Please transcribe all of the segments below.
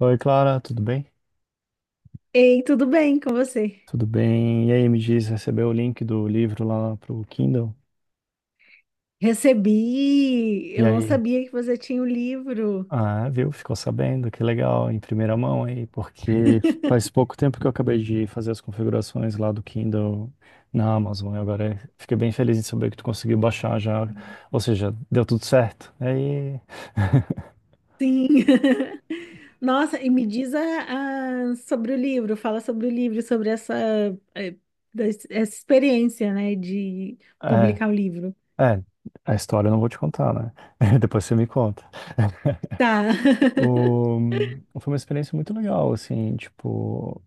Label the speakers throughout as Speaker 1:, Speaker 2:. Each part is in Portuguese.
Speaker 1: Oi, Clara, tudo bem?
Speaker 2: Ei, tudo bem com você?
Speaker 1: Tudo bem. E aí, me diz, recebeu o link do livro lá pro Kindle?
Speaker 2: Recebi,
Speaker 1: E
Speaker 2: eu não
Speaker 1: aí?
Speaker 2: sabia que você tinha o livro.
Speaker 1: Ah, viu? Ficou sabendo, que legal, em primeira mão aí, porque faz pouco tempo que eu acabei de fazer as configurações lá do Kindle na Amazon, e agora fiquei bem feliz em saber que tu conseguiu baixar já, ou seja, deu tudo certo. E aí,
Speaker 2: Sim. Nossa, e me diz sobre o livro, fala sobre o livro, sobre essa, eh, essa experiência, né, de
Speaker 1: é,
Speaker 2: publicar o livro.
Speaker 1: é, a história eu não vou te contar, né? Depois você me conta.
Speaker 2: Tá.
Speaker 1: O- Foi uma experiência muito legal, assim, tipo,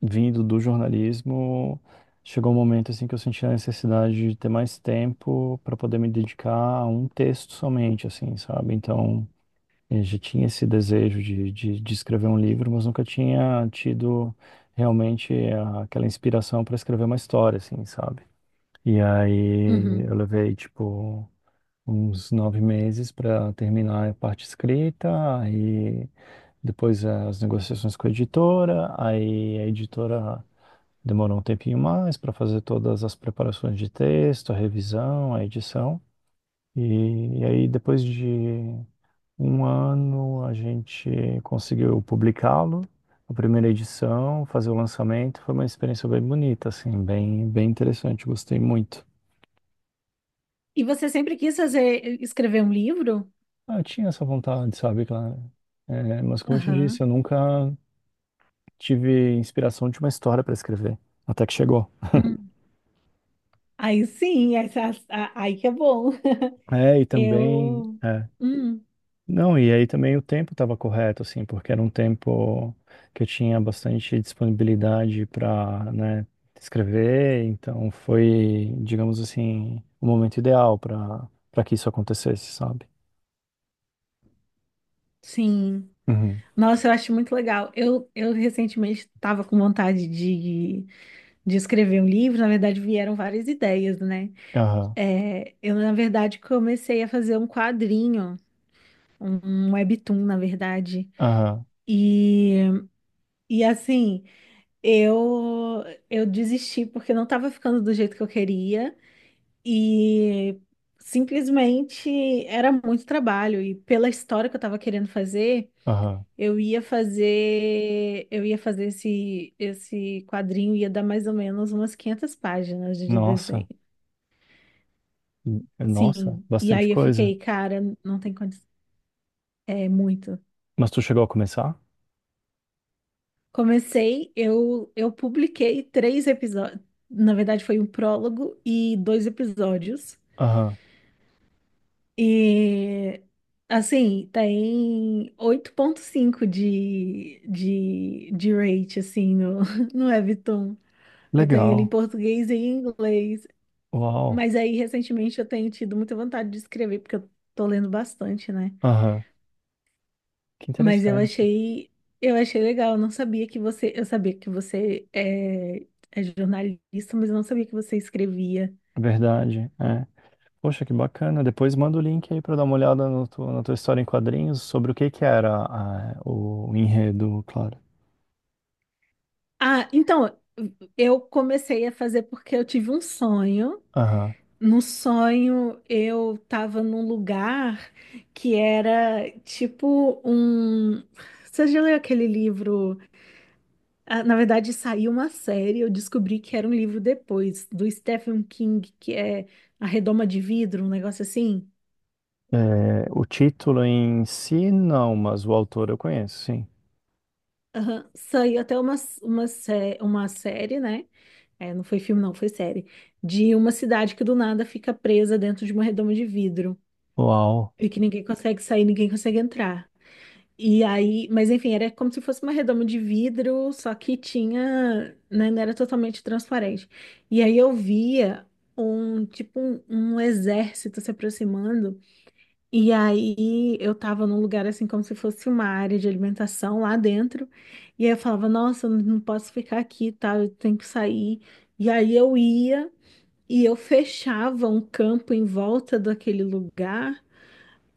Speaker 1: vindo do jornalismo, chegou um momento assim que eu senti a necessidade de ter mais tempo para poder me dedicar a um texto somente, assim, sabe? Então, eu já tinha esse desejo de escrever um livro, mas nunca tinha tido realmente aquela inspiração para escrever uma história, assim, sabe? E aí eu
Speaker 2: Uhum.
Speaker 1: levei, tipo, uns nove meses para terminar a parte escrita e depois as negociações com a editora, aí a editora demorou um tempinho mais para fazer todas as preparações de texto, a revisão, a edição. E aí, depois de um ano, a gente conseguiu publicá-lo, a primeira edição, fazer o lançamento. Foi uma experiência bem bonita, assim, bem, bem interessante. Gostei muito.
Speaker 2: E você sempre quis fazer, escrever um livro?
Speaker 1: Ah, eu tinha essa vontade, sabe, claro. É, mas como eu te disse,
Speaker 2: Aham.
Speaker 1: eu nunca tive inspiração de uma história para escrever, até que chegou.
Speaker 2: Hum. Aí sim, aí que é bom.
Speaker 1: É, e também.
Speaker 2: Eu. Hum,
Speaker 1: Não, e aí também o tempo estava correto, assim, porque era um tempo que eu tinha bastante disponibilidade para, né, escrever, então foi, digamos assim, o momento ideal para que isso acontecesse, sabe?
Speaker 2: sim.
Speaker 1: Uhum.
Speaker 2: Nossa, eu acho muito legal. Eu recentemente estava com vontade de escrever um livro. Na verdade, vieram várias ideias, né?
Speaker 1: Aham,
Speaker 2: É, eu, na verdade, comecei a fazer um quadrinho, um um webtoon, na verdade.
Speaker 1: aham,
Speaker 2: E, e assim, eu, eu desisti porque não estava ficando do jeito que eu queria. E simplesmente era muito trabalho. E pela história que eu estava querendo fazer.
Speaker 1: aham.
Speaker 2: Eu ia fazer esse quadrinho ia dar mais ou menos umas 500 páginas de
Speaker 1: Nossa,
Speaker 2: desenho.
Speaker 1: nossa,
Speaker 2: Sim. E
Speaker 1: bastante
Speaker 2: aí eu
Speaker 1: coisa.
Speaker 2: fiquei, cara, não tem condição. É muito.
Speaker 1: Mas tu chegou a começar?
Speaker 2: Comecei, eu publiquei três episódios. Na verdade, foi um prólogo e dois episódios.
Speaker 1: Aham,
Speaker 2: E assim, tem 8.5 de rate assim no no Webtoon. Eu tenho ele em
Speaker 1: legal,
Speaker 2: português e em inglês.
Speaker 1: uau,
Speaker 2: Mas aí, recentemente, eu tenho tido muita vontade de escrever, porque eu tô lendo bastante, né?
Speaker 1: aham, que
Speaker 2: Mas
Speaker 1: interessante,
Speaker 2: eu achei legal, eu não sabia que você, eu sabia que você é jornalista, mas eu não sabia que você escrevia.
Speaker 1: verdade, é. Poxa, que bacana. Depois manda o link aí para dar uma olhada no na tua história em quadrinhos sobre o que que era o enredo, claro.
Speaker 2: Ah, então, eu comecei a fazer porque eu tive um sonho.
Speaker 1: Aham.
Speaker 2: No sonho, eu tava num lugar que era tipo um. Você já leu aquele livro? Ah, na verdade, saiu uma série, eu descobri que era um livro depois, do Stephen King, que é A Redoma de Vidro, um negócio assim.
Speaker 1: É, o título em si, não, mas o autor eu conheço, sim.
Speaker 2: Aham, saiu até uma, uma série, né? É, não foi filme, não, foi série. De uma cidade que do nada fica presa dentro de uma redoma de vidro.
Speaker 1: Uau,
Speaker 2: E que ninguém consegue sair, ninguém consegue entrar. E aí, mas enfim, era como se fosse uma redoma de vidro, só que tinha, né, não era totalmente transparente. E aí eu via um, tipo, um exército se aproximando, e aí eu tava num lugar assim como se fosse uma área de alimentação lá dentro, e aí eu falava, nossa, eu não posso ficar aqui, tá, eu tenho que sair. E aí eu ia e eu fechava um campo em volta daquele lugar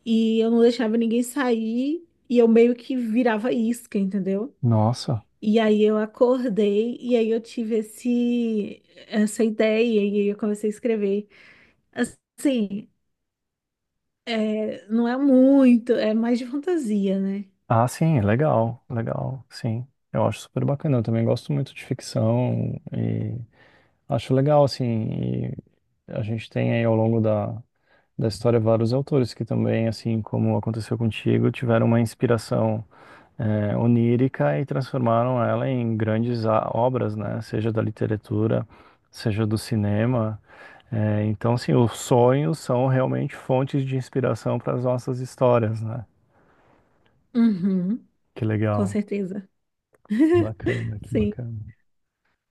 Speaker 2: e eu não deixava ninguém sair e eu meio que virava isca, entendeu?
Speaker 1: nossa.
Speaker 2: E aí eu acordei e aí eu tive esse essa ideia e aí eu comecei a escrever. Assim, é, não é muito, é mais de fantasia, né?
Speaker 1: Ah, sim, legal, legal, sim. Eu acho super bacana. Eu também gosto muito de ficção e acho legal, assim. E a gente tem aí ao longo da história vários autores que também, assim como aconteceu contigo, tiveram uma inspiração. Onírica e transformaram ela em grandes obras, né? Seja da literatura, seja do cinema. Então, sim, os sonhos são realmente fontes de inspiração para as nossas histórias, né?
Speaker 2: Uhum,
Speaker 1: Que
Speaker 2: com
Speaker 1: legal.
Speaker 2: certeza.
Speaker 1: Bacana, que
Speaker 2: Sim.
Speaker 1: bacana.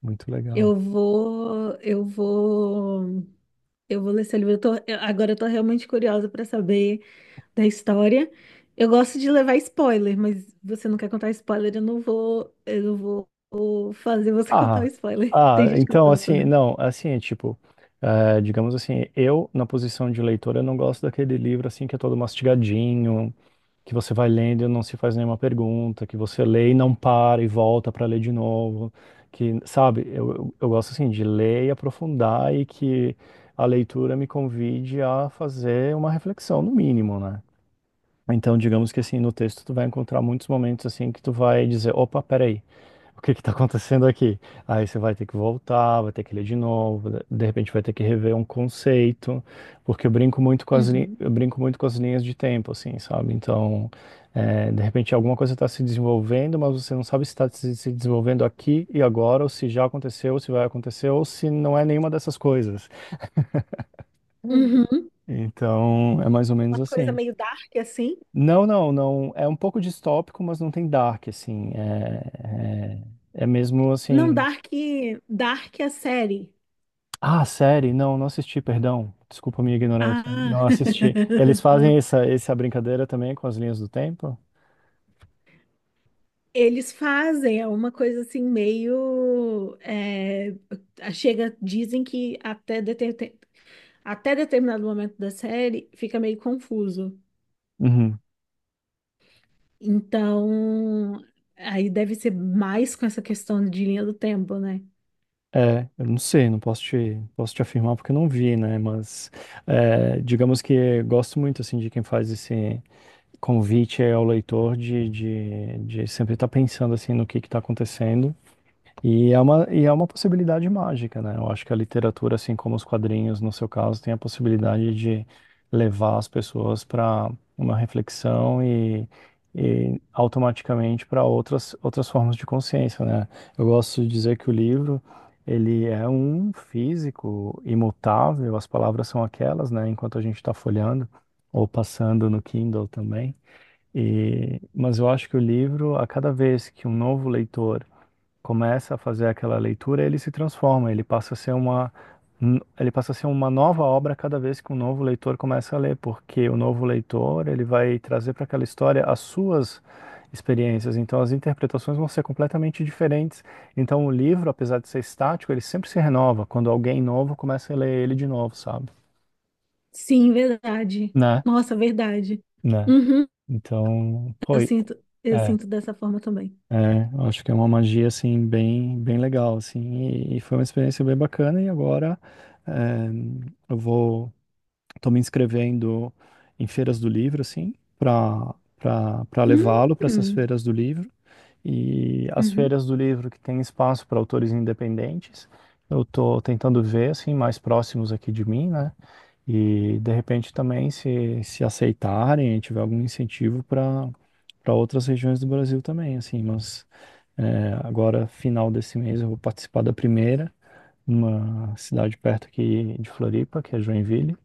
Speaker 1: Muito legal.
Speaker 2: Eu vou, eu vou, eu vou ler esse livro. Agora eu tô realmente curiosa para saber. Da história. Eu gosto de levar spoiler, mas você não quer contar spoiler, eu não vou fazer você contar o
Speaker 1: Ah,
Speaker 2: spoiler.
Speaker 1: ah,
Speaker 2: Tem gente que não
Speaker 1: então,
Speaker 2: gosta,
Speaker 1: assim,
Speaker 2: né?
Speaker 1: não, assim, é tipo, digamos assim, eu, na posição de leitor, eu não gosto daquele livro, assim, que é todo mastigadinho, que você vai lendo e não se faz nenhuma pergunta, que você lê e não para e volta para ler de novo, que, sabe, eu gosto assim de ler e aprofundar e que a leitura me convide a fazer uma reflexão, no mínimo, né? Então, digamos que assim, no texto tu vai encontrar muitos momentos assim que tu vai dizer, opa, peraí, o que que tá acontecendo aqui? Aí você vai ter que voltar, vai ter que ler de novo, de repente vai ter que rever um conceito, porque eu brinco muito com as,
Speaker 2: Uhum.
Speaker 1: linhas de tempo, assim, sabe? Então, é, de repente alguma coisa está se desenvolvendo, mas você não sabe se está se desenvolvendo aqui e agora, ou se já aconteceu, ou se vai acontecer, ou se não é nenhuma dessas coisas.
Speaker 2: Uhum.
Speaker 1: Então, é mais ou
Speaker 2: Uma
Speaker 1: menos
Speaker 2: coisa
Speaker 1: assim.
Speaker 2: meio dark assim.
Speaker 1: Não, não, não. É um pouco distópico, mas não tem dark, assim. É mesmo
Speaker 2: Não,
Speaker 1: assim.
Speaker 2: dark, dark é a série.
Speaker 1: Ah, série? Não, não assisti, perdão. Desculpa a minha ignorância.
Speaker 2: Ah.
Speaker 1: Não assisti. Eles
Speaker 2: Não.
Speaker 1: fazem essa, essa brincadeira também com as linhas do tempo?
Speaker 2: Eles fazem, é uma coisa assim meio é, chega, dizem que até, até determinado momento da série fica meio confuso.
Speaker 1: Uhum.
Speaker 2: Então, aí deve ser mais com essa questão de linha do tempo, né?
Speaker 1: É, eu não sei, não posso te, posso te afirmar porque eu não vi, né? Mas é, digamos que gosto muito assim de quem faz esse convite ao leitor de sempre estar pensando assim no que está acontecendo. E é uma possibilidade mágica, né? Eu acho que a literatura, assim como os quadrinhos, no seu caso, tem a possibilidade de levar as pessoas para uma reflexão e automaticamente para outras, outras formas de consciência, né? Eu gosto de dizer que o livro, ele é um físico imutável, as palavras são aquelas, né? Enquanto a gente está folheando ou passando no Kindle também. E, mas eu acho que o livro, a cada vez que um novo leitor começa a fazer aquela leitura, ele se transforma, ele passa a ser uma nova obra cada vez que um novo leitor começa a ler, porque o novo leitor, ele vai trazer para aquela história as suas experiências, então as interpretações vão ser completamente diferentes. Então o livro, apesar de ser estático, ele sempre se renova quando alguém novo começa a ler ele de novo, sabe?
Speaker 2: Sim, verdade.
Speaker 1: Né?
Speaker 2: Nossa, verdade.
Speaker 1: Né?
Speaker 2: Uhum,
Speaker 1: Então, foi.
Speaker 2: eu sinto dessa forma também.
Speaker 1: É, eu acho que é uma magia assim bem bem legal assim e foi uma experiência bem bacana e agora eh, eu vou tô me inscrevendo em feiras do livro assim para levá-lo para essas
Speaker 2: Uhum,
Speaker 1: feiras do livro e as
Speaker 2: uhum,
Speaker 1: feiras do livro que tem espaço para autores independentes. Eu tô tentando ver assim mais próximos aqui de mim, né? E de repente também, se aceitarem, tiver algum incentivo para para outras regiões do Brasil também, assim, mas é, agora, final desse mês, eu vou participar da primeira, numa cidade perto aqui de Floripa, que é Joinville,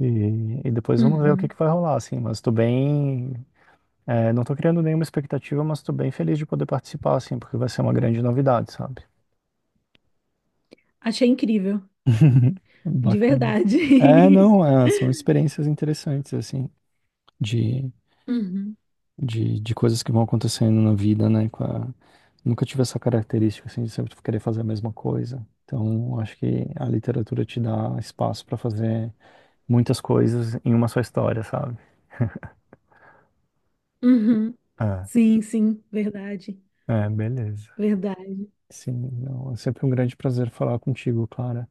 Speaker 1: e depois vamos ver o que
Speaker 2: uhum.
Speaker 1: que vai rolar, assim, mas estou bem, é, não estou criando nenhuma expectativa, mas estou bem feliz de poder participar, assim, porque vai ser uma grande novidade, sabe?
Speaker 2: Achei incrível, de
Speaker 1: Bacana. É,
Speaker 2: verdade.
Speaker 1: não, é, são experiências interessantes, assim, de
Speaker 2: Uhum,
Speaker 1: de coisas que vão acontecendo na vida, né? Nunca tive essa característica, assim, de sempre querer fazer a mesma coisa. Então, acho que a literatura te dá espaço para fazer muitas coisas em uma só história, sabe?
Speaker 2: uhum.
Speaker 1: Ah,
Speaker 2: Sim, sim, verdade,
Speaker 1: é, beleza.
Speaker 2: verdade.
Speaker 1: Sim, não, é sempre um grande prazer falar contigo, Clara.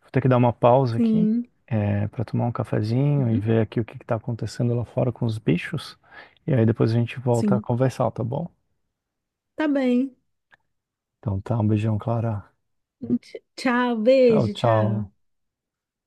Speaker 1: Vou ter que dar uma pausa aqui,
Speaker 2: Sim,
Speaker 1: é, para tomar um cafezinho e
Speaker 2: uhum,
Speaker 1: ver aqui o que está acontecendo lá fora com os bichos. E aí depois a gente volta a
Speaker 2: sim.
Speaker 1: conversar, tá bom?
Speaker 2: Tá bem.
Speaker 1: Então tá, um beijão, Clara.
Speaker 2: Tchau,
Speaker 1: Tchau,
Speaker 2: beijo, tchau.
Speaker 1: tchau.